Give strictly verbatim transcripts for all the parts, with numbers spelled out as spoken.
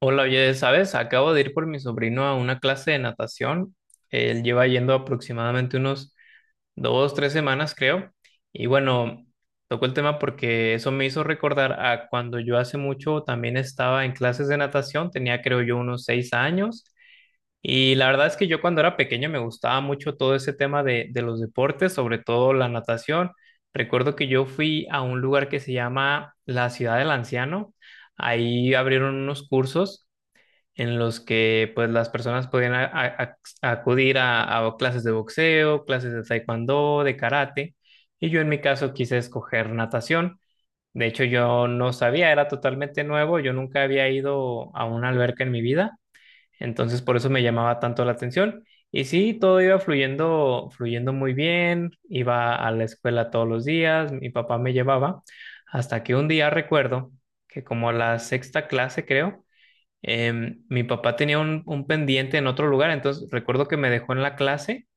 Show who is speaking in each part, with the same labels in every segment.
Speaker 1: Hola, oye, ¿sabes? Acabo de ir por mi sobrino a una clase de natación. Él lleva yendo aproximadamente unos dos, tres semanas, creo. Y bueno, tocó el tema porque eso me hizo recordar a cuando yo hace mucho también estaba en clases de natación. Tenía, creo yo, unos seis años. Y la verdad es que yo cuando era pequeño me gustaba mucho todo ese tema de, de los deportes, sobre todo la natación. Recuerdo que yo fui a un lugar que se llama la Ciudad del Anciano. Ahí abrieron unos cursos en los que pues las personas podían a- a- a- acudir a, a clases de boxeo, clases de taekwondo, de karate, y yo en mi caso quise escoger natación. De hecho, yo no sabía, era totalmente nuevo, yo nunca había ido a una alberca en mi vida, entonces por eso me llamaba tanto la atención. Y sí, todo iba fluyendo, fluyendo muy bien, iba a la escuela todos los días, mi papá me llevaba, hasta que un día recuerdo que como la sexta clase, creo, Em, mi papá tenía un, un pendiente en otro lugar, entonces recuerdo que me dejó en la clase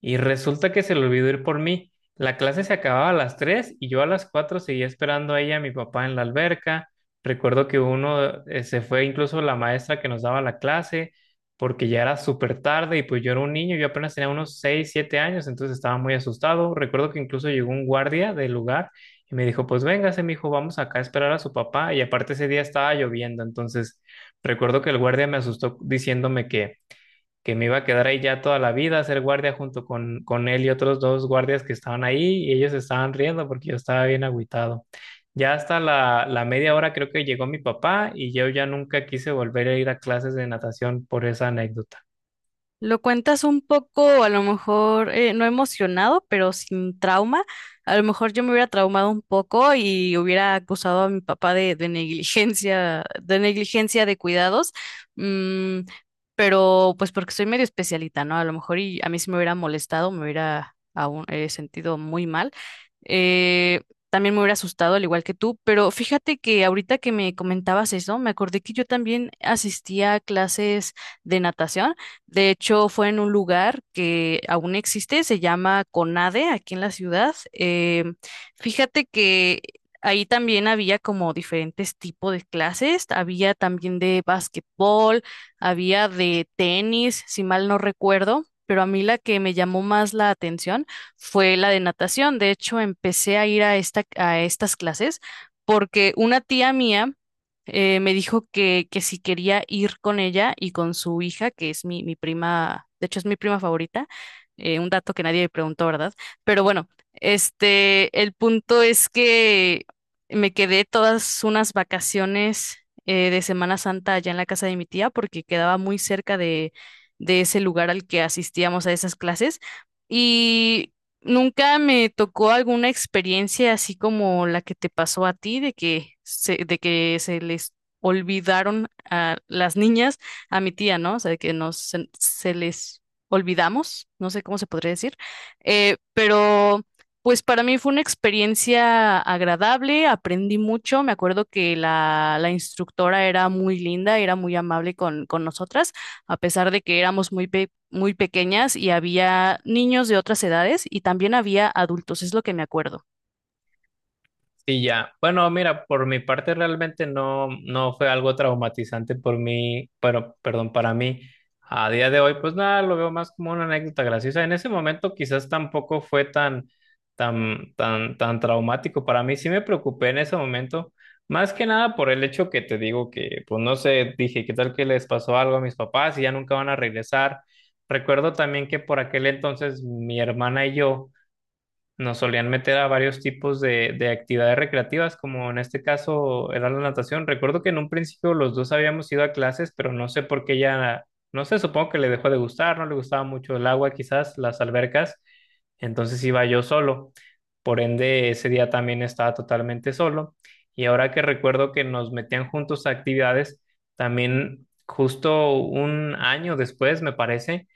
Speaker 1: y resulta que se le olvidó ir por mí. La clase se acababa a las tres y yo a las cuatro seguía esperando a ella y a mi papá en la alberca. Recuerdo que uno eh, se fue incluso la maestra que nos daba la clase porque ya era súper tarde y pues yo era un niño, yo apenas tenía unos seis siete años, entonces estaba muy asustado. Recuerdo que incluso llegó un guardia del lugar y me dijo, pues véngase, mijo, vamos acá a esperar a su papá. Y aparte ese día estaba lloviendo, entonces recuerdo que el guardia me asustó diciéndome que que me iba a quedar ahí ya toda la vida a ser guardia junto con, con él y otros dos guardias que estaban ahí y ellos estaban riendo porque yo estaba bien agüitado. Ya hasta la, la media hora creo que llegó mi papá y yo ya nunca quise volver a ir a clases de natación por esa anécdota.
Speaker 2: Lo cuentas un poco, a lo mejor, eh, no emocionado, pero sin trauma. A lo mejor yo me hubiera traumado un poco y hubiera acusado a mi papá de, de negligencia, de negligencia de cuidados. Mm, pero pues porque soy medio especialita, ¿no? A lo mejor y a mí sí me hubiera molestado, me hubiera aún, eh, sentido muy mal. Eh, También me hubiera asustado, al igual que tú, pero fíjate que ahorita que me comentabas eso, me acordé que yo también asistía a clases de natación. De hecho, fue en un lugar que aún existe, se llama CONADE, aquí en la ciudad. Eh, fíjate que ahí también había como diferentes tipos de clases, había también de básquetbol, había de tenis, si mal no recuerdo. Pero a mí la que me llamó más la atención fue la de natación. De hecho, empecé a ir a esta, a estas clases porque una tía mía eh, me dijo que, que si quería ir con ella y con su hija, que es mi, mi prima, de hecho es mi prima favorita, eh, un dato que nadie me preguntó, ¿verdad? Pero bueno, este, el punto es que me quedé todas unas vacaciones eh, de Semana Santa allá en la casa de mi tía porque quedaba muy cerca de, de ese lugar al que asistíamos a esas clases. Y nunca me tocó alguna experiencia así como la que te pasó a ti, de que se, de que se les olvidaron a las niñas, a mi tía, ¿no? O sea, de que nos, se, se les olvidamos, no sé cómo se podría decir, eh, pero pues para mí fue una experiencia agradable, aprendí mucho, me acuerdo que la, la instructora era muy linda, era muy amable con, con nosotras, a pesar de que éramos muy, pe- muy pequeñas y había niños de otras edades y también había adultos, es lo que me acuerdo.
Speaker 1: Sí, ya. Bueno, mira, por mi parte realmente no, no fue algo traumatizante por mí, pero, perdón, para mí. A día de hoy, pues nada, lo veo más como una anécdota graciosa. En ese momento quizás tampoco fue tan, tan, tan, tan traumático para mí. Sí me preocupé en ese momento, más que nada por el hecho que te digo que, pues no sé, dije, ¿qué tal que les pasó algo a mis papás y ya nunca van a regresar? Recuerdo también que por aquel entonces mi hermana y yo nos solían meter a varios tipos de, de actividades recreativas, como en este caso era la natación. Recuerdo que en un principio los dos habíamos ido a clases, pero no sé por qué ella no sé, supongo que le dejó de gustar, no le gustaba mucho el agua, quizás las albercas, entonces iba yo solo. Por ende, ese día también estaba totalmente solo. Y ahora que recuerdo que nos metían juntos a actividades, también justo un año después, me parece,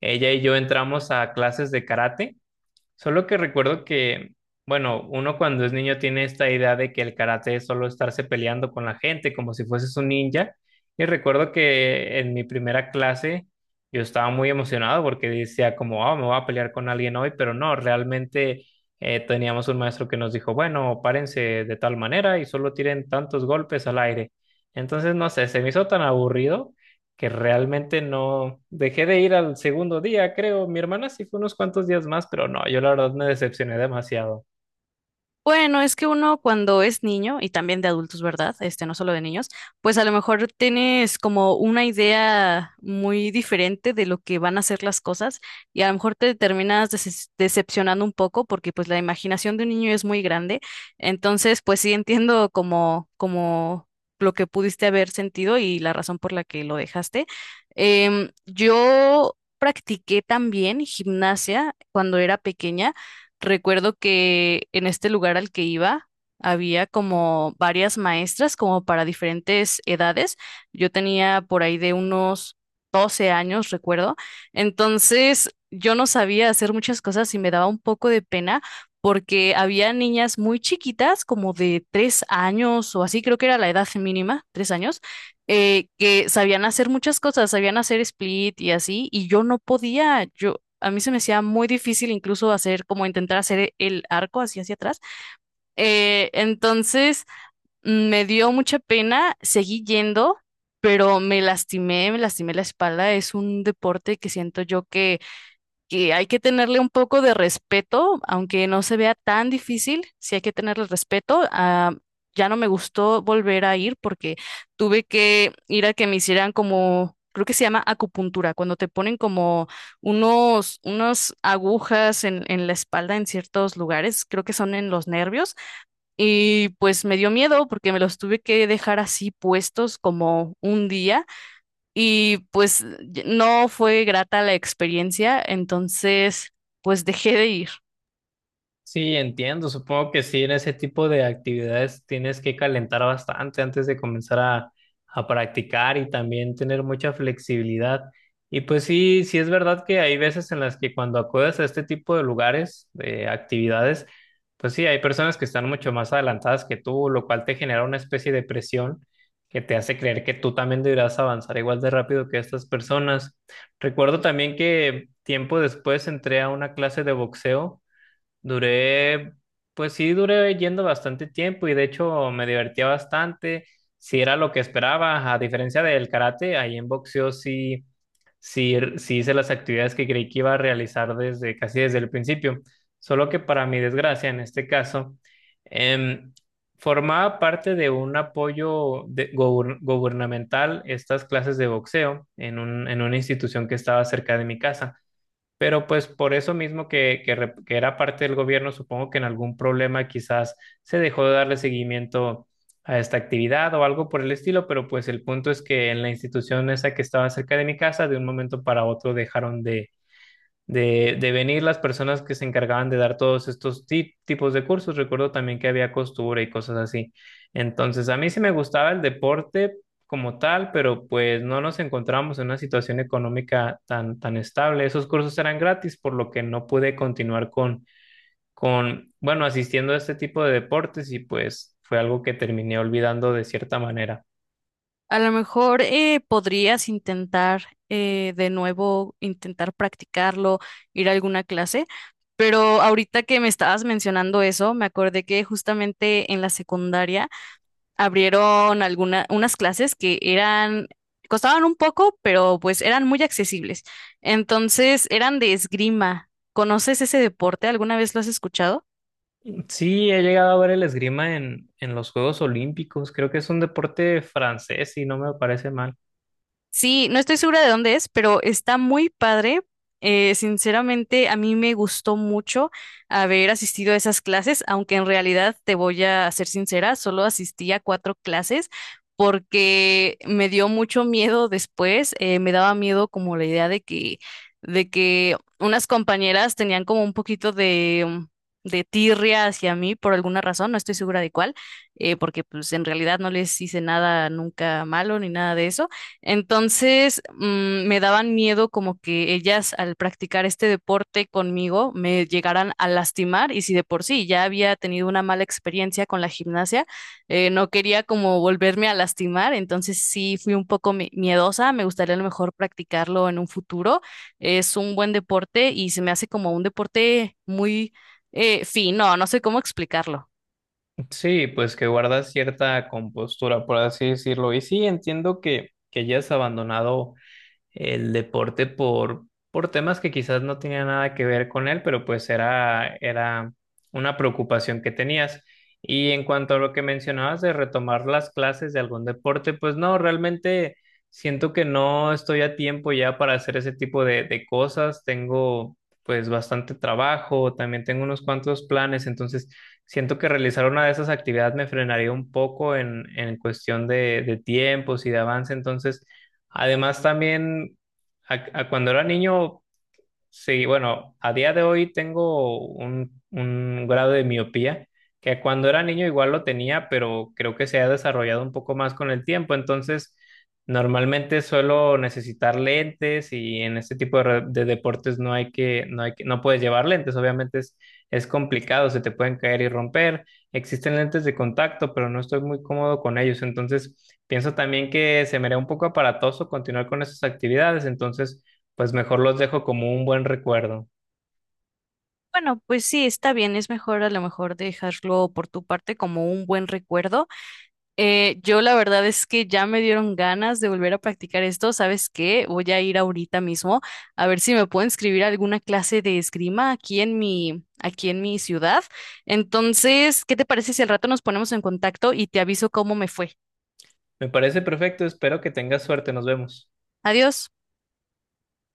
Speaker 1: ella y yo entramos a clases de karate Solo que recuerdo que, bueno, uno cuando es niño tiene esta idea de que el karate es solo estarse peleando con la gente, como si fueses un ninja. Y recuerdo que en mi primera clase yo estaba muy emocionado porque decía como, ah, me voy a pelear con alguien hoy, pero no, realmente eh, teníamos un maestro que nos dijo, bueno, párense de tal manera y solo tiren tantos golpes al aire. Entonces, no sé, se me hizo tan aburrido que realmente no dejé de ir al segundo día, creo. Mi hermana sí fue unos cuantos días más, pero no, yo la verdad me decepcioné demasiado.
Speaker 2: Bueno, es que uno cuando es niño, y también de adultos, ¿verdad? Este, no solo de niños, pues a lo mejor tienes como una idea muy diferente de lo que van a ser las cosas y a lo mejor te terminas deces- decepcionando un poco porque pues la imaginación de un niño es muy grande. Entonces, pues sí entiendo como, como lo que pudiste haber sentido y la razón por la que lo dejaste. Em, yo practiqué también gimnasia cuando era pequeña. Recuerdo que en este lugar al que iba había como varias maestras como para diferentes edades. Yo tenía por ahí de unos doce años, recuerdo. Entonces yo no sabía hacer muchas cosas y me daba un poco de pena porque había niñas muy chiquitas, como de tres años o así, creo que era la edad mínima, tres años, eh, que sabían hacer muchas cosas, sabían hacer split y así, y yo no podía, yo a mí se me hacía muy difícil incluso hacer, como intentar hacer el arco así hacia atrás. Eh, entonces mm, me dio mucha pena, seguí yendo, pero me lastimé, me lastimé la espalda. Es un deporte que siento yo que que hay que tenerle un poco de respeto, aunque no se vea tan difícil, sí hay que tenerle respeto. Ah, ya no me gustó volver a ir porque tuve que ir a que me hicieran como, creo que se llama acupuntura, cuando te ponen como unos, unas agujas en, en la espalda en ciertos lugares, creo que son en los nervios, y pues me dio miedo porque me los tuve que dejar así puestos como un día. Y pues no fue grata la experiencia, entonces pues dejé de ir.
Speaker 1: Sí, entiendo. Supongo que sí, en ese tipo de actividades tienes que calentar bastante antes de comenzar a, a practicar y también tener mucha flexibilidad. Y pues sí, sí es verdad que hay veces en las que cuando acudes a este tipo de lugares, de actividades, pues sí, hay personas que están mucho más adelantadas que tú, lo cual te genera una especie de presión que te hace creer que tú también deberás avanzar igual de rápido que estas personas. Recuerdo también que tiempo después entré a una clase de boxeo Duré, pues sí, duré yendo bastante tiempo y de hecho me divertía bastante. Si era lo que esperaba, a diferencia del karate, ahí en boxeo sí, sí, sí hice las actividades que creí que iba a realizar desde casi desde el principio. Solo que para mi desgracia, en este caso, em, formaba parte de un apoyo de- gober- gubernamental estas clases de boxeo en un- en una institución que estaba cerca de mi casa. Pero pues por eso mismo que, que, re- que era parte del gobierno, supongo que en algún problema quizás se dejó de darle seguimiento a esta actividad o algo por el estilo, pero pues el punto es que en la institución esa que estaba cerca de mi casa, de un momento para otro dejaron de de, de venir las personas que se encargaban de dar todos estos ti- tipos de cursos. Recuerdo también que había costura y cosas así. Entonces, a mí sí me gustaba el deporte como tal, pero pues no nos encontramos en una situación económica tan, tan estable. Esos cursos eran gratis, por lo que no pude continuar con, con, bueno, asistiendo a este tipo de deportes y pues fue algo que terminé olvidando de cierta manera.
Speaker 2: A lo mejor eh, podrías intentar eh, de nuevo, intentar practicarlo, ir a alguna clase, pero ahorita que me estabas mencionando eso, me acordé que justamente en la secundaria abrieron algunas unas clases que eran, costaban un poco, pero pues eran muy accesibles. Entonces eran de esgrima. ¿Conoces ese deporte? ¿Alguna vez lo has escuchado?
Speaker 1: Sí, he llegado a ver el esgrima en, en los Juegos Olímpicos. Creo que es un deporte francés y no me parece mal.
Speaker 2: Sí, no estoy segura de dónde es, pero está muy padre. Eh, sinceramente, a mí me gustó mucho haber asistido a esas clases, aunque en realidad te voy a ser sincera, solo asistí a cuatro clases porque me dio mucho miedo después. eh, me daba miedo como la idea de que, de que unas compañeras tenían como un poquito de, mm, de tirria hacia mí por alguna razón, no estoy segura de cuál, eh, porque pues en realidad no les hice nada nunca malo ni nada de eso entonces, mm, me daban miedo como que ellas al practicar este deporte conmigo me llegaran a lastimar y si de por sí ya había tenido una mala experiencia con la gimnasia, eh, no quería como volverme a lastimar, entonces sí fui un poco mi- miedosa, me gustaría a lo mejor practicarlo en un futuro. Es un buen deporte y se me hace como un deporte muy eh, fino, no sé cómo explicarlo.
Speaker 1: Sí, pues que guardas cierta compostura, por así decirlo. Y sí, entiendo que, que ya has abandonado el deporte por, por temas que quizás no tenían nada que ver con él, pero pues era, era una preocupación que tenías. Y en cuanto a lo que mencionabas de retomar las clases de algún deporte, pues no, realmente siento que no estoy a tiempo ya para hacer ese tipo de, de cosas. Tengo pues bastante trabajo, también tengo unos cuantos planes, entonces siento que realizar una de esas actividades me frenaría un poco en, en cuestión de, de tiempos y de avance, entonces... Además, también a, a cuando era niño Sí, bueno, a día de hoy tengo un, un grado de miopía que cuando era niño igual lo tenía, pero creo que se ha desarrollado un poco más con el tiempo. Entonces, normalmente suelo necesitar lentes y en este tipo de, re- de deportes no hay que, no hay que, no puedes llevar lentes. Obviamente es, es complicado, se te pueden caer y romper. Existen lentes de contacto, pero no estoy muy cómodo con ellos. Entonces, pienso también que se me haría un poco aparatoso continuar con esas actividades. Entonces, pues mejor los dejo como un buen recuerdo.
Speaker 2: Bueno, pues sí, está bien, es mejor a lo mejor dejarlo por tu parte como un buen recuerdo. Eh, yo la verdad es que ya me dieron ganas de volver a practicar esto. ¿Sabes qué? Voy a ir ahorita mismo a ver si me puedo inscribir a alguna clase de esgrima aquí en mi, aquí en mi ciudad. Entonces, ¿qué te parece si al rato nos ponemos en contacto y te aviso cómo me fue?
Speaker 1: Me parece perfecto, espero que tengas suerte, nos vemos.
Speaker 2: Adiós.